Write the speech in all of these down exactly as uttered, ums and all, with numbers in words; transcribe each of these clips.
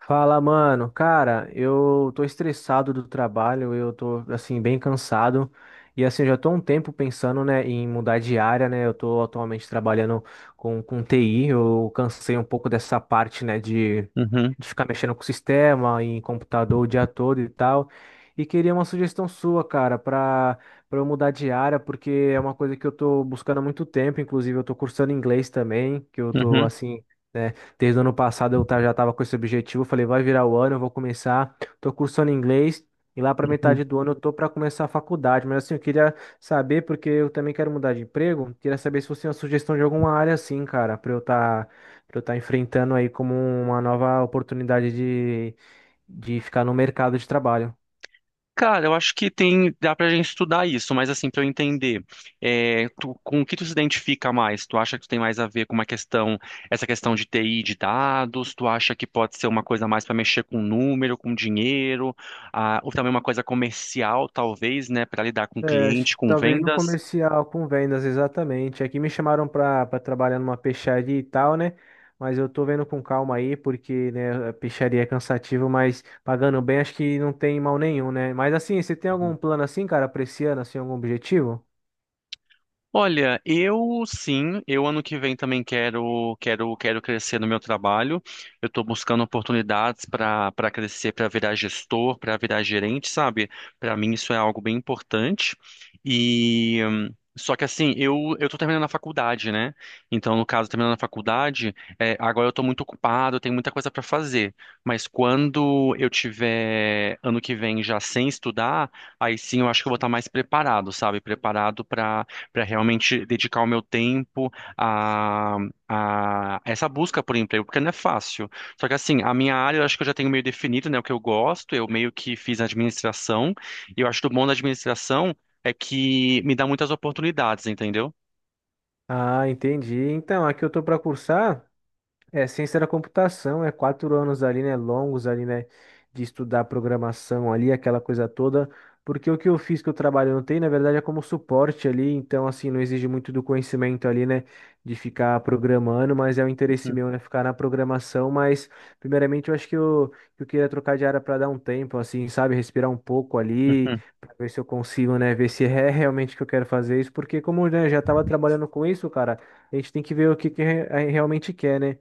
Fala, mano. Cara, eu tô estressado do trabalho, eu tô, assim, bem cansado. E, assim, eu já tô há um tempo pensando, né, em mudar de área, né? Eu tô atualmente trabalhando com, com T I, eu cansei um pouco dessa parte, né, de, Uhum, de ficar mexendo com o sistema, em computador o dia todo e tal. E queria uma sugestão sua, cara, pra, pra eu mudar de área, porque é uma coisa que eu tô buscando há muito tempo. Inclusive, eu tô cursando inglês também, que eu tô, uhum, assim. Né? Desde o ano passado eu ta- já estava com esse objetivo. Eu Falei, vai virar o ano, eu vou começar. Tô cursando inglês e lá para uhum. metade do ano eu tô para começar a faculdade. Mas assim, eu queria saber, porque eu também quero mudar de emprego. Queria saber se você tem uma sugestão de alguma área assim, cara, para eu estar para eu tá enfrentando aí como uma nova oportunidade de, de ficar no mercado de trabalho. Cara, eu acho que tem, dá pra gente estudar isso, mas assim, pra eu entender, é, tu- com o que tu se identifica mais? Tu acha que tu tem mais a ver com uma questão, essa questão de T I de dados? Tu acha que pode ser uma coisa mais pra mexer com número, com dinheiro, ah, ou também uma coisa comercial, talvez, né, pra lidar com É, acho cliente, que com talvez no vendas? comercial com vendas, exatamente. Aqui me chamaram para trabalhar numa peixaria e tal, né? Mas eu tô vendo com calma aí, porque, né, a peixaria é cansativo, mas pagando bem, acho que não tem mal nenhum, né? Mas assim, você tem algum plano assim, cara, pra esse ano, assim, algum objetivo? Olha, eu sim, eu ano que vem também quero quero quero crescer no meu trabalho. Eu estou buscando oportunidades para para crescer, para virar gestor, para virar gerente, sabe? Para mim isso é algo bem importante. E hum, só que assim, eu eu estou terminando a faculdade, né? Então, no caso, terminando a faculdade, é, agora eu estou muito ocupado, eu tenho muita coisa para fazer. Mas quando eu tiver ano que vem já sem estudar, aí sim eu acho que eu vou estar mais preparado, sabe? Preparado para para realmente dedicar o meu tempo a, a essa busca por emprego, porque não é fácil. Só que assim, a minha área eu acho que eu já tenho meio definido, né, o que eu gosto, eu meio que fiz administração, e eu acho que o bom da administração é que me dá muitas oportunidades, entendeu? Ah, entendi. Então, aqui eu tô para cursar. É, ciência da computação, é quatro anos ali, né, longos ali, né, de estudar programação ali, aquela coisa toda, porque o que eu fiz que eu trabalho não tem, na verdade, é como suporte ali, então, assim, não exige muito do conhecimento ali, né, de ficar programando, mas é o interesse meu, né, ficar na programação, mas, primeiramente, eu acho que eu, que eu queria trocar de área para dar um tempo, assim, sabe, respirar um pouco ali, Uhum, para ver se eu consigo, né, ver se é realmente que eu quero fazer isso, porque como, né, eu já estava trabalhando com isso, cara, a gente tem que ver o que que re- a- realmente quer, né.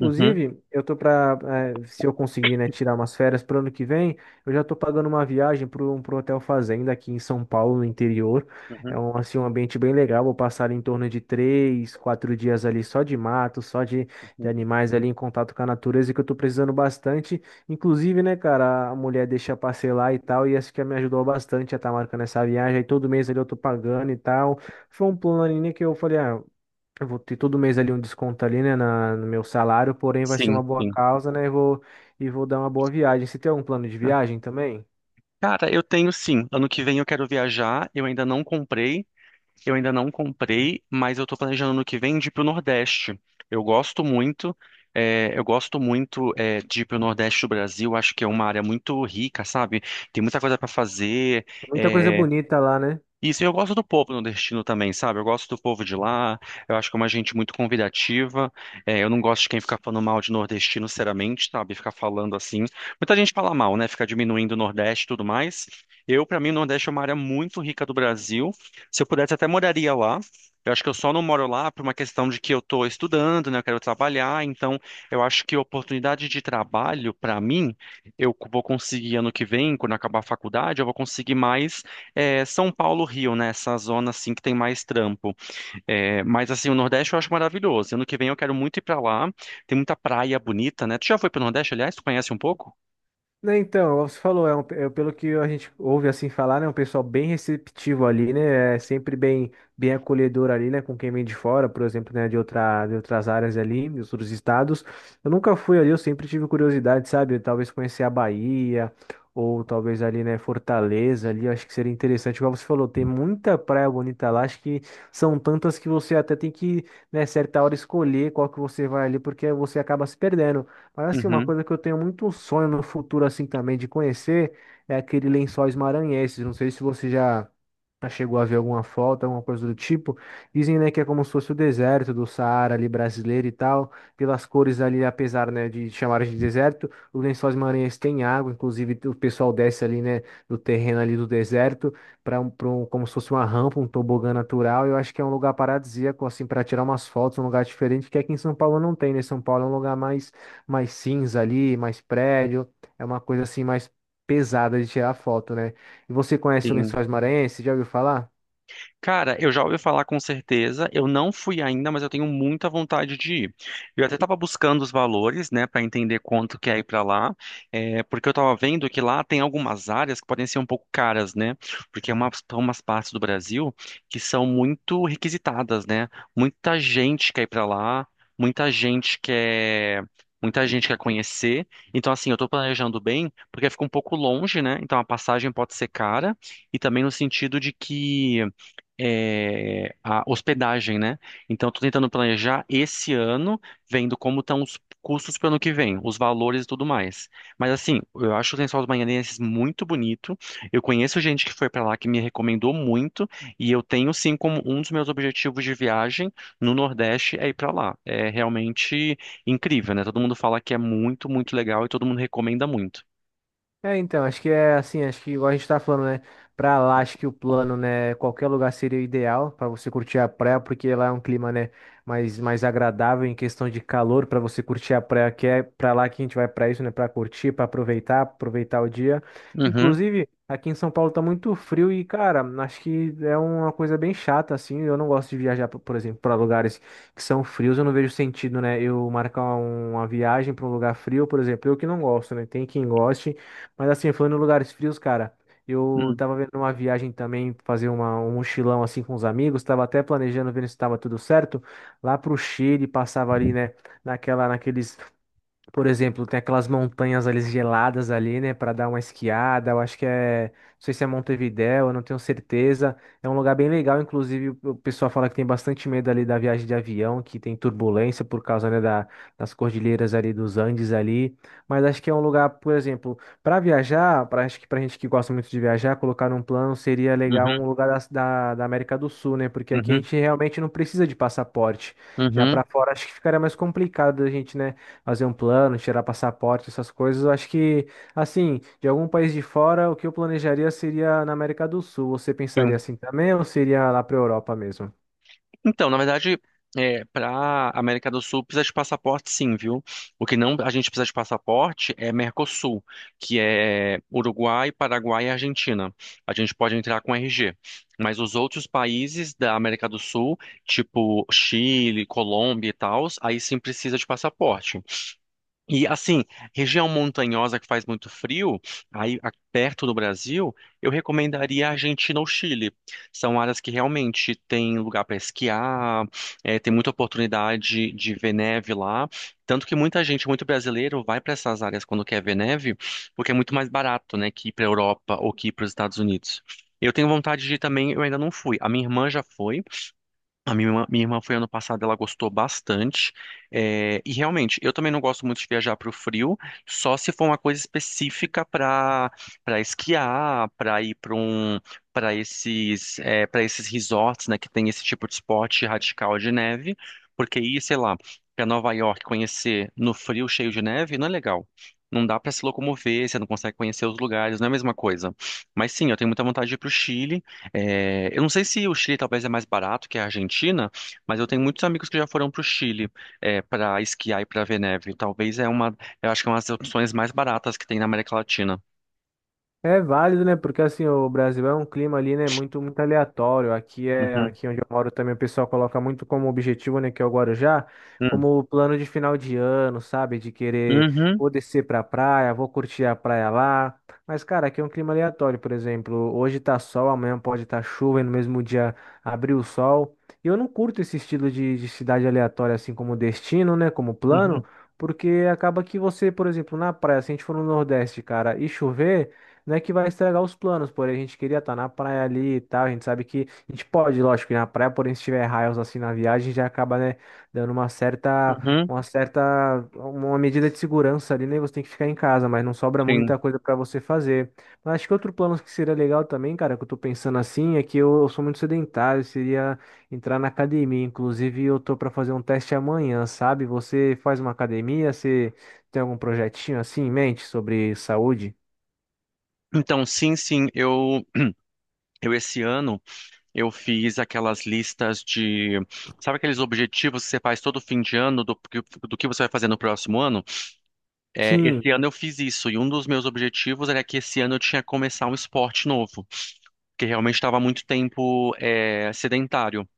uhum, uhum, eu tô pra, eh, se eu conseguir, né, tirar umas férias pro ano que vem, eu já tô pagando uma viagem pro, pro Hotel Fazenda aqui em São Paulo, no interior. É uhum, um, assim, um ambiente bem legal. Vou passar em torno de três, quatro dias ali só de mato, só de, de uhum. animais ali em contato com a natureza, que eu tô precisando bastante. Inclusive, né, cara, a mulher deixa parcelar e tal, e essa que me ajudou bastante a estar marcando essa viagem. Aí todo mês ali eu tô pagando e tal. Foi um plano ali, né, que eu falei, ah, eu vou ter todo mês ali um desconto ali, né, na, no meu salário, porém vai ser Sim, uma boa sim. causa, né? E vou, e vou dar uma boa viagem. Você tem algum plano de viagem também? Cara, eu tenho sim. Ano que vem eu quero viajar, eu ainda não comprei. Eu ainda não comprei, mas eu tô planejando no que vem de ir pro Nordeste. Eu gosto muito, é, eu gosto muito é, de ir pro Nordeste do Brasil. Acho que é uma área muito rica, sabe? Tem muita coisa para fazer. Tem muita coisa eh, bonita lá, né? isso, e eu gosto do povo nordestino também, sabe? Eu gosto do povo de lá, eu acho que é uma gente muito convidativa. É, eu não gosto de quem fica falando mal de nordestino, sinceramente, sabe? Ficar falando assim. Muita gente fala mal, né? Fica diminuindo o Nordeste e tudo mais. Eu, pra mim, o Nordeste é uma área muito rica do Brasil. Se eu pudesse, até moraria lá. Eu acho que eu só não moro lá por uma questão de que eu tô estudando, né? Eu quero trabalhar. Então, eu acho que oportunidade de trabalho, pra mim, eu vou conseguir ano que vem, quando acabar a faculdade, eu vou conseguir mais é, São Paulo, Rio, né? Essa zona assim que tem mais trampo. É, mas assim, o Nordeste eu acho maravilhoso. Ano que vem eu quero muito ir pra lá. Tem muita praia bonita, né? Tu já foi pro Nordeste, aliás? Tu conhece um pouco? Né, então, como você falou, é um, é, pelo que a gente ouve assim falar, né, um pessoal bem receptivo ali, né, é sempre bem, bem acolhedor ali, né, com quem vem de fora, por exemplo, né, de outra, de outras áreas ali, de outros estados. Eu nunca fui ali, eu sempre tive curiosidade, sabe, talvez conhecer a Bahia, ou talvez ali, né, Fortaleza ali, eu acho que seria interessante. Igual você falou, tem muita praia bonita lá, acho que são tantas que você até tem que, né, certa hora escolher qual que você vai ali, porque você acaba se perdendo. Mas assim, uma Uhum, coisa que eu tenho muito sonho no futuro assim também de conhecer é aquele Lençóis Maranhenses. Não sei se você já já Chegou a ver alguma falta alguma coisa do tipo. Dizem, né, que é como se fosse o deserto do Saara ali brasileiro e tal. Pelas cores ali, apesar, né, de chamarem de deserto, os Lençóis Maranhenses têm água. Inclusive, o pessoal desce ali, né, do terreno ali do deserto para um, pra um- como se fosse uma rampa, um tobogã natural. Eu acho que é um lugar paradisíaco, assim, para tirar umas fotos, um lugar diferente que aqui em São Paulo não tem, né? São Paulo é um lugar mais, mais cinza ali, mais prédio. É uma coisa assim mais pesada de tirar foto, né? E você conhece o sim. Lençóis Maranhenses? Já ouviu falar? Cara, eu já ouvi falar com certeza. Eu não fui ainda, mas eu tenho muita vontade de ir. Eu até estava buscando os valores, né, para entender quanto que é ir para lá, é, porque eu estava vendo que lá tem algumas áreas que podem ser um pouco caras, né? Porque é uma, são umas partes do Brasil que são muito requisitadas, né? Muita gente quer ir para lá, muita gente quer. Muita gente quer conhecer. Então, assim, eu estou planejando bem, porque fica um pouco longe, né? Então, a passagem pode ser cara. E também no sentido de que é, a hospedagem, né? Então, estou tentando planejar esse ano, vendo como estão os custos para o ano que vem, os valores e tudo mais. Mas, assim, eu acho o Lençóis dos Maranhenses muito bonito. Eu conheço gente que foi para lá que me recomendou muito. E eu tenho, sim, como um dos meus objetivos de viagem no Nordeste é ir para lá. É realmente incrível, né? Todo mundo fala que é muito, muito legal e todo mundo recomenda muito. É, então, acho que é assim, acho que igual a gente tá falando, né? Pra lá, acho que o plano, né? Qualquer lugar seria o ideal para você curtir a praia, porque lá é um clima, né? Mais, mais agradável em questão de calor para você curtir a praia, que é pra lá que a gente vai pra isso, né? Pra curtir, pra aproveitar, aproveitar o dia. Uhum, Inclusive, aqui em São Paulo tá muito frio e, cara, acho que é uma coisa bem chata, assim. Eu não gosto de viajar, por por exemplo, pra lugares que são frios, eu não vejo sentido, né? Eu marcar um, uma viagem pra um lugar frio, por exemplo, eu que não gosto, né? Tem quem goste. Mas assim, falando em lugares frios, cara, eu uhum, tava vendo uma viagem também, fazer uma, um mochilão assim com os amigos, tava até planejando, vendo se tava tudo certo, lá pro Chile, passava ali, né, naquela, naqueles por exemplo, tem aquelas montanhas ali geladas ali, né, para dar uma esquiada. Eu acho que é, não sei se é Montevidéu, eu não tenho certeza. É um lugar bem legal, inclusive o o pessoal fala que tem bastante medo ali da viagem de avião, que tem turbulência por causa, né, da- das cordilheiras ali dos Andes ali. Mas acho que é um lugar, por exemplo, para viajar, para acho que pra gente que gosta muito de viajar, colocar num plano seria legal um lugar da, da da América do Sul, né? Porque aqui a uhum, gente realmente não precisa de passaporte. Já uhum, para fora acho que ficaria mais complicado a gente, né? Fazer um plano, tirar passaporte, essas coisas. Eu acho que, assim, de algum país de fora, o que eu planejaria seria na América do Sul. Você pensaria uhum. assim também ou seria lá para a Europa mesmo? Então, na verdade, é, para América do Sul precisa de passaporte, sim, viu? O que não a gente precisa de passaporte é Mercosul, que é Uruguai, Paraguai e Argentina. A gente pode entrar com R G. Mas os outros países da América do Sul, tipo Chile, Colômbia e tal, aí sim precisa de passaporte. E assim, região montanhosa que faz muito frio, aí a- perto do Brasil, eu recomendaria a Argentina ou Chile. São áreas que realmente tem lugar para esquiar, eh, tem muita oportunidade de ver neve lá. Tanto que muita gente, muito brasileiro, vai para essas áreas quando quer ver neve, porque é muito mais barato, né, que ir para a Europa ou que ir para os Estados Unidos. Eu tenho vontade de ir também, eu ainda não fui. A minha irmã já foi. A minha irmã, minha irmã foi ano passado, ela gostou bastante. É, e realmente, eu também não gosto muito de viajar para o frio, só se for uma coisa específica para para esquiar, para ir para um para esses para esses resorts, né, que tem esse tipo de esporte radical de neve, porque ir, sei lá, para Nova York conhecer no frio cheio de neve não é legal. Não dá para se locomover, você não consegue conhecer os lugares, não é a mesma coisa. Mas sim, eu tenho muita vontade de ir para o Chile. É, eu não sei se o Chile talvez é mais barato que a Argentina, mas eu tenho muitos amigos que já foram para o Chile, para esquiar e para ver neve. Talvez é uma, eu acho que é uma das opções mais baratas que tem na América Latina. É válido, né? Porque assim, o Brasil é um clima ali, né, muito muito aleatório. Aqui é Uhum, aqui onde eu moro também o pessoal coloca muito como objetivo, né, que é o Guarujá, uhum, como plano de final de ano, sabe? De querer uhum, vou descer pra praia, vou curtir a praia lá. Mas cara, aqui é um clima aleatório, por exemplo, hoje tá sol, amanhã pode estar chuva e no mesmo dia abrir o sol. E eu não curto esse estilo de, de cidade aleatória assim como destino, né, como plano, uhum, porque acaba que você, por exemplo, na praia, se a gente for no Nordeste, cara, e chover, não é que vai estragar os planos, porém a gente queria estar na praia ali e tal. A gente sabe que a gente pode, lógico, ir na praia, porém se tiver raios assim na viagem, já acaba, né, dando uma certa, uhum, uma certa, uma medida de segurança ali, né? Você tem que ficar em casa, mas não sobra sim. muita coisa para você fazer. Mas acho que outro plano que seria legal também, cara, que eu tô pensando assim, é que eu, eu sou muito sedentário, seria entrar na academia. Inclusive, eu tô para fazer um teste amanhã, sabe? Você faz uma academia, você tem algum projetinho assim em mente sobre saúde? Então, sim, sim, eu, eu esse ano eu fiz aquelas listas de, sabe aqueles objetivos que você faz todo fim de ano do, que- do que você vai fazer no próximo ano? É, Sim. esse ano eu fiz isso e um dos meus objetivos era que esse ano eu tinha que começar um esporte novo. Que realmente estava há muito tempo é, sedentário.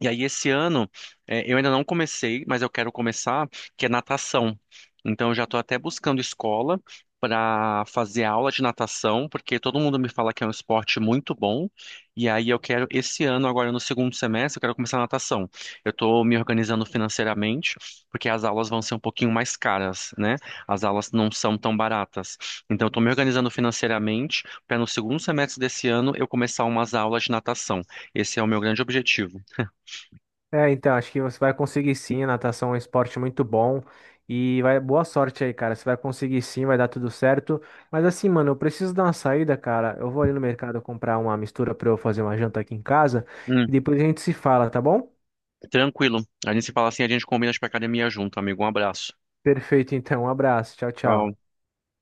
E aí, esse ano, eh, eu ainda não comecei, mas eu quero começar, que é natação. Então, eu já estou até buscando escola para fazer aula de natação, porque todo mundo me fala que é um esporte muito bom. E aí, eu quero, esse ano, agora no segundo semestre, eu quero começar natação. Eu estou me organizando financeiramente, porque as aulas vão ser um pouquinho mais caras, né? As aulas não são tão baratas. Então, eu estou me organizando financeiramente para no segundo semestre desse ano eu começar umas aulas de natação. Esse é o meu grande objetivo. É, então, acho que você vai conseguir sim, a natação é um esporte muito bom e vai, boa sorte aí, cara. Você vai conseguir sim, vai dar tudo certo. Mas assim, mano, eu preciso dar uma saída, cara. Eu vou ali no mercado comprar uma mistura pra eu fazer uma janta aqui em casa e depois a gente se fala, tá bom? Tranquilo. A gente se fala assim, a gente combina de ir pra academia junto, amigo. Um abraço. Perfeito, então. Um abraço. Tchau, Tchau. tchau.